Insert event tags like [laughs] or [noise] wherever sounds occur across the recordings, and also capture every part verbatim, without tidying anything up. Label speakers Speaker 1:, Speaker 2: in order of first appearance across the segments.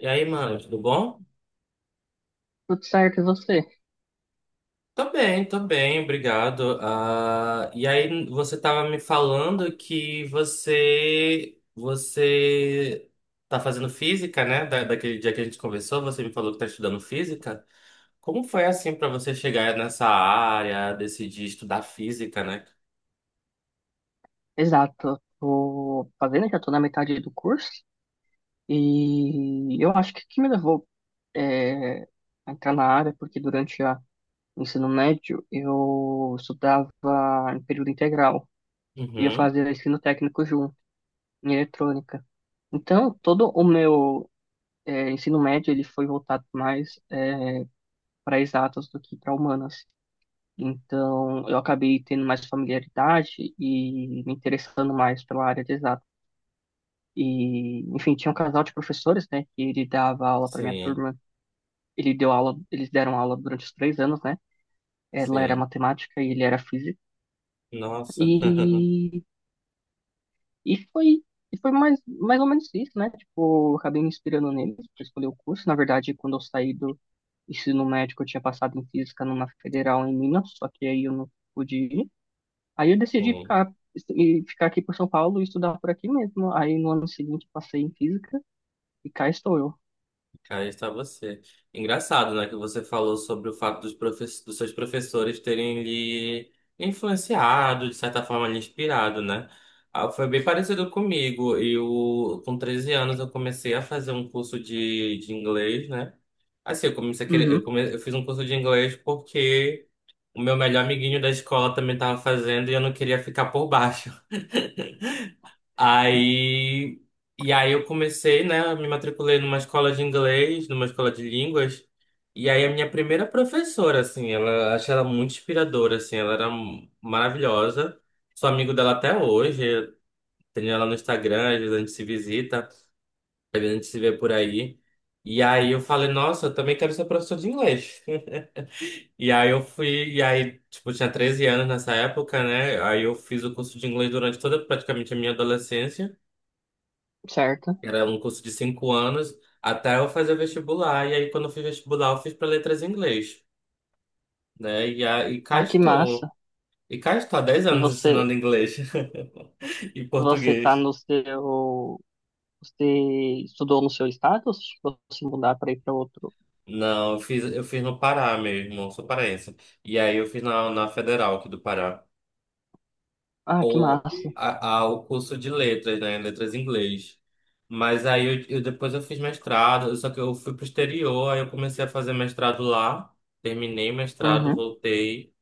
Speaker 1: E aí, mano, tudo bom?
Speaker 2: Tudo certo, e você?
Speaker 1: Tô bem, tô bem, obrigado. Ah, e aí, você tava me falando que você você tá fazendo física, né? Da, daquele dia que a gente conversou, você me falou que tá estudando física. Como foi assim pra você chegar nessa área, decidir estudar física, né?
Speaker 2: Exato. Tô fazendo, já tô na metade do curso. E eu acho que o que me levou é, a entrar na área, porque durante a- o ensino médio eu estudava em período integral e eu
Speaker 1: Uhum,
Speaker 2: fazia ensino técnico junto, em eletrônica. Então, todo o meu é, ensino médio ele foi voltado mais é, para exatas do que para humanas. Então, eu acabei tendo mais familiaridade e me interessando mais pela área de exatas. E, enfim, tinha um casal de professores, né, que ele dava aula para minha
Speaker 1: sim,
Speaker 2: turma. Ele deu aula, eles deram aula durante os três anos, né? Ela era
Speaker 1: sim.
Speaker 2: matemática e ele era física.
Speaker 1: Nossa. [laughs]
Speaker 2: E, e foi, e foi mais, mais ou menos isso, né? Tipo, eu acabei me inspirando neles para escolher o curso. Na verdade, quando eu saí do ensino médio, eu tinha passado em física numa federal em Minas, só que aí eu não pude ir. Aí eu decidi
Speaker 1: Sim.
Speaker 2: ficar e ficar aqui por São Paulo e estudar por aqui mesmo. Aí no ano seguinte passei em física e cá estou eu.
Speaker 1: Aí está você. Engraçado, né, que você falou sobre o fato dos, profe- dos seus professores terem lhe influenciado, de certa forma, lhe inspirado, né? Ah, foi bem parecido comigo. Eu, com treze anos, eu comecei a fazer um curso de, de inglês, né? Assim, eu comecei a querer, eu,
Speaker 2: Uhum,
Speaker 1: come, eu fiz um curso de inglês porque o meu melhor amiguinho da escola também estava fazendo e eu não queria ficar por baixo. [laughs] Aí, e aí eu comecei, né? Me matriculei numa escola de inglês, numa escola de línguas. E aí a minha primeira professora, assim, ela achei ela muito inspiradora, assim, ela era m- maravilhosa. Sou amigo dela até hoje, tenho ela no Instagram, às vezes a gente se visita, às vezes a gente se vê por aí. E aí eu falei, nossa, eu também quero ser professor de inglês. [laughs] E aí eu fui, e aí, tipo, eu tinha treze anos nessa época, né? Aí eu fiz o curso de inglês durante toda praticamente a minha adolescência.
Speaker 2: certo.
Speaker 1: Era um curso de cinco anos até eu fazer vestibular. E aí, quando eu fiz vestibular, eu fiz para letras em inglês, né? E, a, e cá
Speaker 2: Ah, que
Speaker 1: estou.
Speaker 2: massa.
Speaker 1: E cá estou há dez
Speaker 2: E
Speaker 1: anos
Speaker 2: você,
Speaker 1: ensinando inglês [laughs] e
Speaker 2: você tá
Speaker 1: português.
Speaker 2: no seu, você estudou no seu estado ou você chegou a se mudar para ir para outro?
Speaker 1: Não, eu fiz, eu fiz no Pará mesmo, sou paraense. E aí eu fiz na, na Federal aqui do Pará.
Speaker 2: Ah, que
Speaker 1: Ou
Speaker 2: massa.
Speaker 1: a, a- o curso de letras, né? Letras em inglês. Mas aí eu, eu- depois eu fiz mestrado, só que eu fui pro exterior, aí eu comecei a fazer mestrado lá, terminei mestrado,
Speaker 2: Uhum.
Speaker 1: voltei.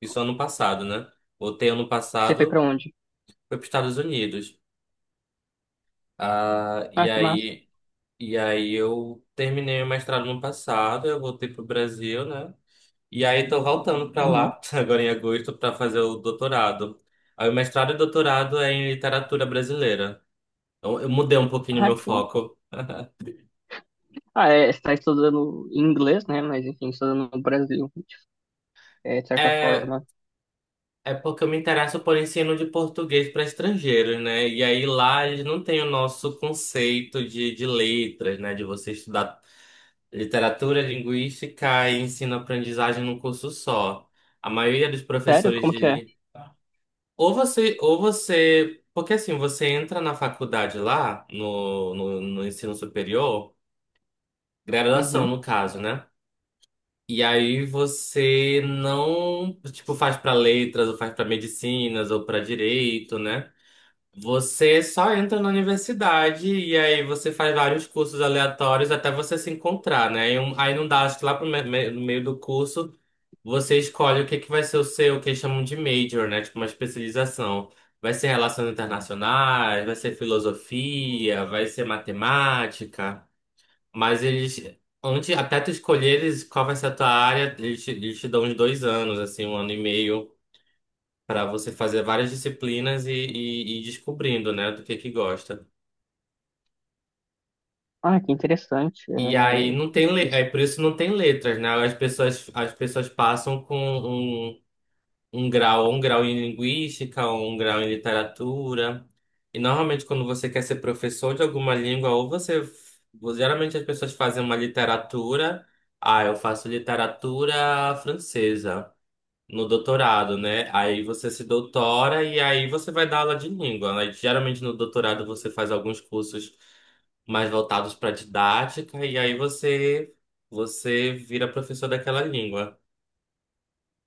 Speaker 1: Isso ano passado, né? Voltei ano
Speaker 2: Você foi para
Speaker 1: passado,
Speaker 2: onde?
Speaker 1: fui para os Estados Unidos. Ah, e
Speaker 2: Ah, que massa.
Speaker 1: aí, e aí eu terminei o mestrado no passado, eu voltei pro Brasil, né? E aí tô voltando para
Speaker 2: Uhum.
Speaker 1: lá, [laughs] agora em agosto, para fazer o doutorado. Aí o mestrado e doutorado é em literatura brasileira. Então eu mudei um pouquinho o
Speaker 2: Ah,
Speaker 1: meu
Speaker 2: que...
Speaker 1: foco.
Speaker 2: ah, é, você tá estudando em inglês, né? Mas enfim, estudando no Brasil, é, de certa
Speaker 1: É,
Speaker 2: forma.
Speaker 1: é porque eu me interesso por ensino de português para estrangeiros, né? E aí lá eles não têm o nosso conceito de, de letras, né? De você estudar. Literatura, linguística e ensino-aprendizagem num curso só. A maioria dos
Speaker 2: Sério?
Speaker 1: professores
Speaker 2: Como
Speaker 1: de.
Speaker 2: que é?
Speaker 1: Li- Ou você, ou você. Porque assim, você entra na faculdade lá, no, no, no ensino superior, graduação
Speaker 2: Uhum.
Speaker 1: no caso, né? E aí você não, tipo, faz para letras, ou faz para medicinas, ou para direito, né? Você só entra na universidade e aí você faz vários cursos aleatórios até você se encontrar, né? E um- Aí não dá, acho que lá pro me- me- no meio do curso você escolhe o que que vai ser o seu, o que eles chamam de major, né? Tipo uma especialização. Vai ser relações internacionais, vai ser filosofia, vai ser matemática. Mas eles, antes, até tu escolheres qual vai ser a tua área, eles te, eles te dão uns dois anos, assim, um ano e meio para você fazer várias disciplinas e, e, e ir descobrindo, né, do que que gosta.
Speaker 2: Ah, que interessante. É,
Speaker 1: E aí não tem le... é
Speaker 2: isso-
Speaker 1: por isso não tem letras, né? As pessoas as pessoas passam com um, um grau, um grau em linguística, um grau em literatura. E normalmente quando você quer ser professor de alguma língua, ou você geralmente as pessoas fazem uma literatura, ah, eu faço literatura francesa. No doutorado, né? Aí você se doutora e aí você vai dar aula de língua. Aí, geralmente no doutorado você faz alguns cursos mais voltados para didática e aí você você vira professor daquela língua.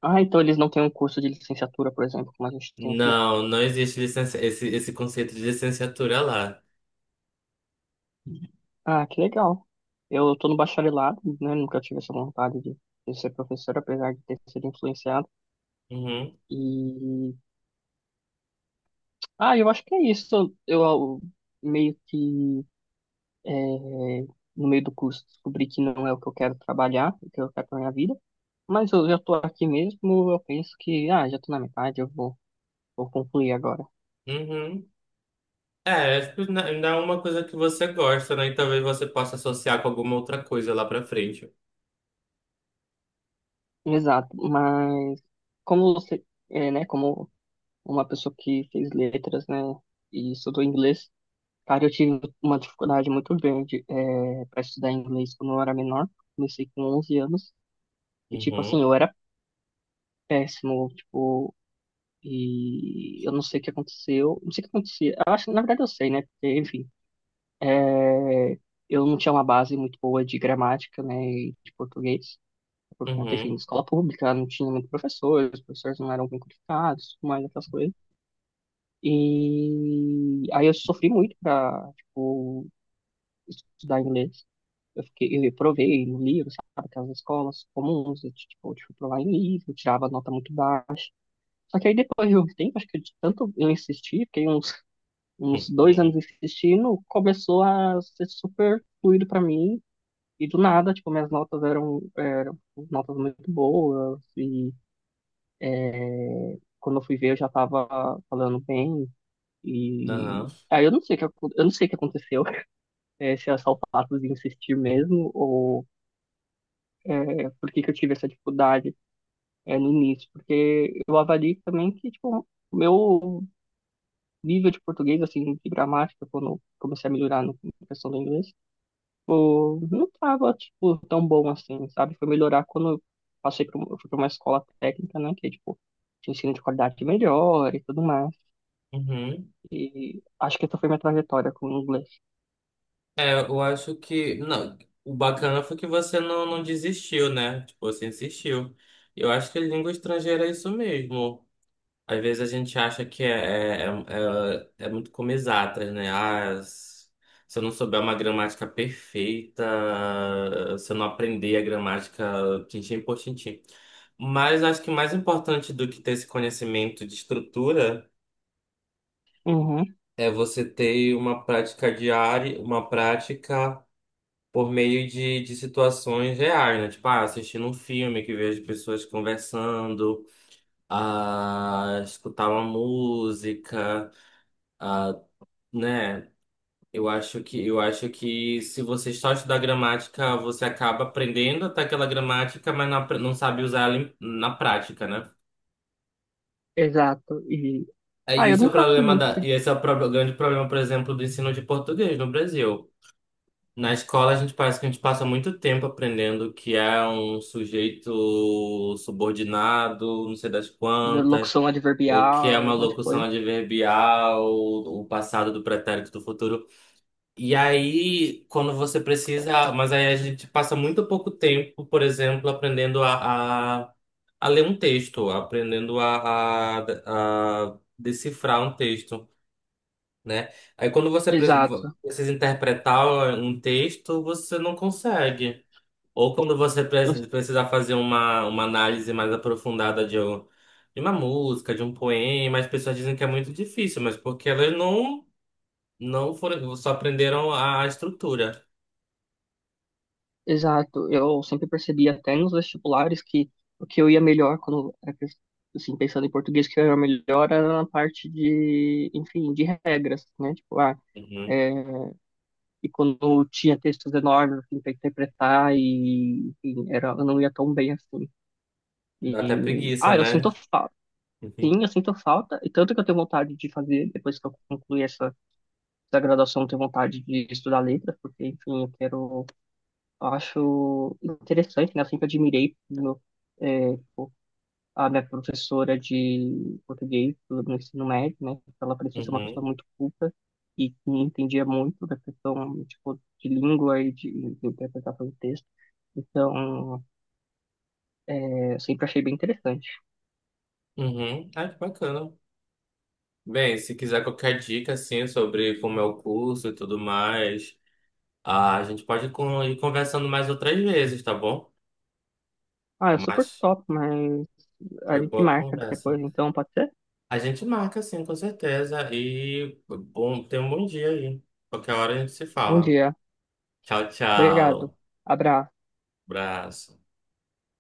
Speaker 2: Ah, então eles não têm um curso de licenciatura, por exemplo, como a gente tem aqui.
Speaker 1: Não, não existe licença, esse, esse conceito de licenciatura lá.
Speaker 2: Ah, que legal. Eu tô no bacharelado, né? Nunca tive essa vontade de, de, ser professor, apesar de ter sido influenciado.
Speaker 1: Uhum,
Speaker 2: E, ah, eu acho que é isso. Eu, eu meio que, é, no meio do curso, descobri que não é o que eu quero trabalhar, o que eu quero pra minha vida. Mas eu já tô aqui mesmo, eu penso que, ah, já tô na metade, eu vou, vou concluir agora.
Speaker 1: uhum. É, acho que não não é uma coisa que você gosta, né? E talvez você possa associar com alguma outra coisa lá pra frente.
Speaker 2: Exato, mas como você, é, né, como uma pessoa que fez letras, né, e estudou inglês. Cara, eu tive uma dificuldade muito grande é, para estudar inglês quando eu era menor. Comecei com onze anos e, tipo assim,
Speaker 1: Uhum,
Speaker 2: eu era péssimo, tipo, e eu não sei o que aconteceu. Não sei o que acontecia. Eu acho, na verdade, eu sei, né? Porque, enfim, é, eu não tinha uma base muito boa de gramática, né, e de português, por conta, enfim, de
Speaker 1: uhum,
Speaker 2: escola pública, não tinha muito professor, os professores não eram bem qualificados, tudo mais aquelas coisas. E aí eu sofri muito para, tipo, estudar inglês. Eu fiquei, eu provei no livro, sabe, aquelas escolas comuns, eu, tipo, eu fui provar em livro, eu tirava nota muito baixa. Só que aí depois de um tempo, acho que de tanto eu insistir, fiquei uns,
Speaker 1: [laughs]
Speaker 2: uns dois
Speaker 1: uhum,
Speaker 2: anos insistindo, começou a ser super fluido para mim, e do nada, tipo, minhas notas eram, eram notas muito boas, e quando eu fui ver eu já tava falando bem, e
Speaker 1: uhum,
Speaker 2: aí eu não sei o que, eu não sei o que aconteceu, [laughs] eh, se é só o fato de insistir mesmo, ou eh, por que que eu tive essa dificuldade, é, no início, porque eu avalio também que, tipo, o meu nível de português, assim, de gramática, quando eu comecei a melhorar no- na questão do inglês, tipo, não tava, tipo, tão bom assim, sabe? Foi melhorar quando eu passei pra, um- eu fui pra uma escola técnica, né, que, é, tipo, tinha ensino de qualidade melhor e tudo mais.
Speaker 1: uhum.
Speaker 2: E acho que essa foi minha trajetória com o inglês.
Speaker 1: É, eu acho que. Não, o bacana foi que você não, não desistiu, né? Tipo, você insistiu. Eu acho que língua estrangeira é isso mesmo. Às vezes a gente acha que é, é, é, é é muito como exatas, né? Ah, s- se eu não souber uma gramática perfeita, se eu não aprender a gramática tintim por tintim. Mas acho que mais importante do que ter esse conhecimento de estrutura
Speaker 2: Uhum,
Speaker 1: é você ter uma prática diária, uma prática por meio de, de situações reais, né? Tipo, ah, assistindo um filme que vejo pessoas conversando, a escutar uma música, a, né? Eu acho que eu acho que se você só estudar gramática, você acaba aprendendo até aquela gramática, mas não, apre- não sabe usar ela em- na prática, né?
Speaker 2: exato. E,
Speaker 1: É.
Speaker 2: ah, eu
Speaker 1: Isso é o
Speaker 2: nunca fui
Speaker 1: problema da,
Speaker 2: muito de
Speaker 1: e esse é o pro- grande problema, por exemplo, do ensino de português no Brasil. Na escola, a gente parece que a gente passa muito tempo aprendendo que é um sujeito subordinado, não sei das quantas,
Speaker 2: locução
Speaker 1: o que é
Speaker 2: adverbial,
Speaker 1: uma
Speaker 2: um monte de
Speaker 1: locução
Speaker 2: coisa.
Speaker 1: adverbial, o passado do pretérito do futuro. E aí, quando você precisa. Mas aí a gente passa muito pouco tempo, por exemplo, aprendendo a, a, a ler um texto, aprendendo a, a, a decifrar um texto, né? Aí quando você pre-
Speaker 2: Exato.
Speaker 1: precisa interpretar um texto, você não consegue. Ou quando você
Speaker 2: Eu
Speaker 1: pre- precisar fazer uma, uma análise mais aprofundada de, um- de uma música, de um poema, as pessoas dizem que é muito difícil, mas porque elas não, não foram, só aprenderam a, a estrutura.
Speaker 2: Exato, eu sempre percebi até nos vestibulares que o que eu ia melhor quando, era que- assim, pensando em português, que eu ia melhor era na parte de, enfim, de regras, né? Tipo, ah,
Speaker 1: Uhum.
Speaker 2: é, e quando tinha textos enormes, assim, para interpretar e, enfim, era, eu não ia tão bem assim.
Speaker 1: Dá até
Speaker 2: E,
Speaker 1: preguiça,
Speaker 2: ah, eu sinto
Speaker 1: né?
Speaker 2: falta.
Speaker 1: [laughs]
Speaker 2: Sim, eu sinto falta, e tanto que eu tenho vontade de fazer, depois que eu concluir essa, essa, graduação, eu tenho vontade de estudar letras, porque, enfim, eu quero Eu acho interessante, né? Eu sempre admirei no, é, pô, a minha professora de português no ensino médio, né? Ela parecia ser uma pessoa
Speaker 1: Uhum.
Speaker 2: muito culta e que entendia muito da questão, tipo, de língua e de, de, interpretação de texto. Então, é, eu sempre achei bem interessante.
Speaker 1: Uhum. Ah, que bacana. Bem, se quiser qualquer dica, assim, sobre como é o curso e tudo mais, ah, a gente pode con- ir conversando mais outras vezes, tá bom?
Speaker 2: Ah, é super
Speaker 1: Mas
Speaker 2: top, mas a
Speaker 1: foi
Speaker 2: gente
Speaker 1: boa a
Speaker 2: marca
Speaker 1: conversa.
Speaker 2: depois, então pode ser?
Speaker 1: A gente marca, sim, com certeza. E bom, tenha um bom dia aí. Qualquer hora a gente se
Speaker 2: Bom
Speaker 1: fala.
Speaker 2: dia.
Speaker 1: Tchau,
Speaker 2: Obrigado.
Speaker 1: tchau.
Speaker 2: Abraço.
Speaker 1: Abraço.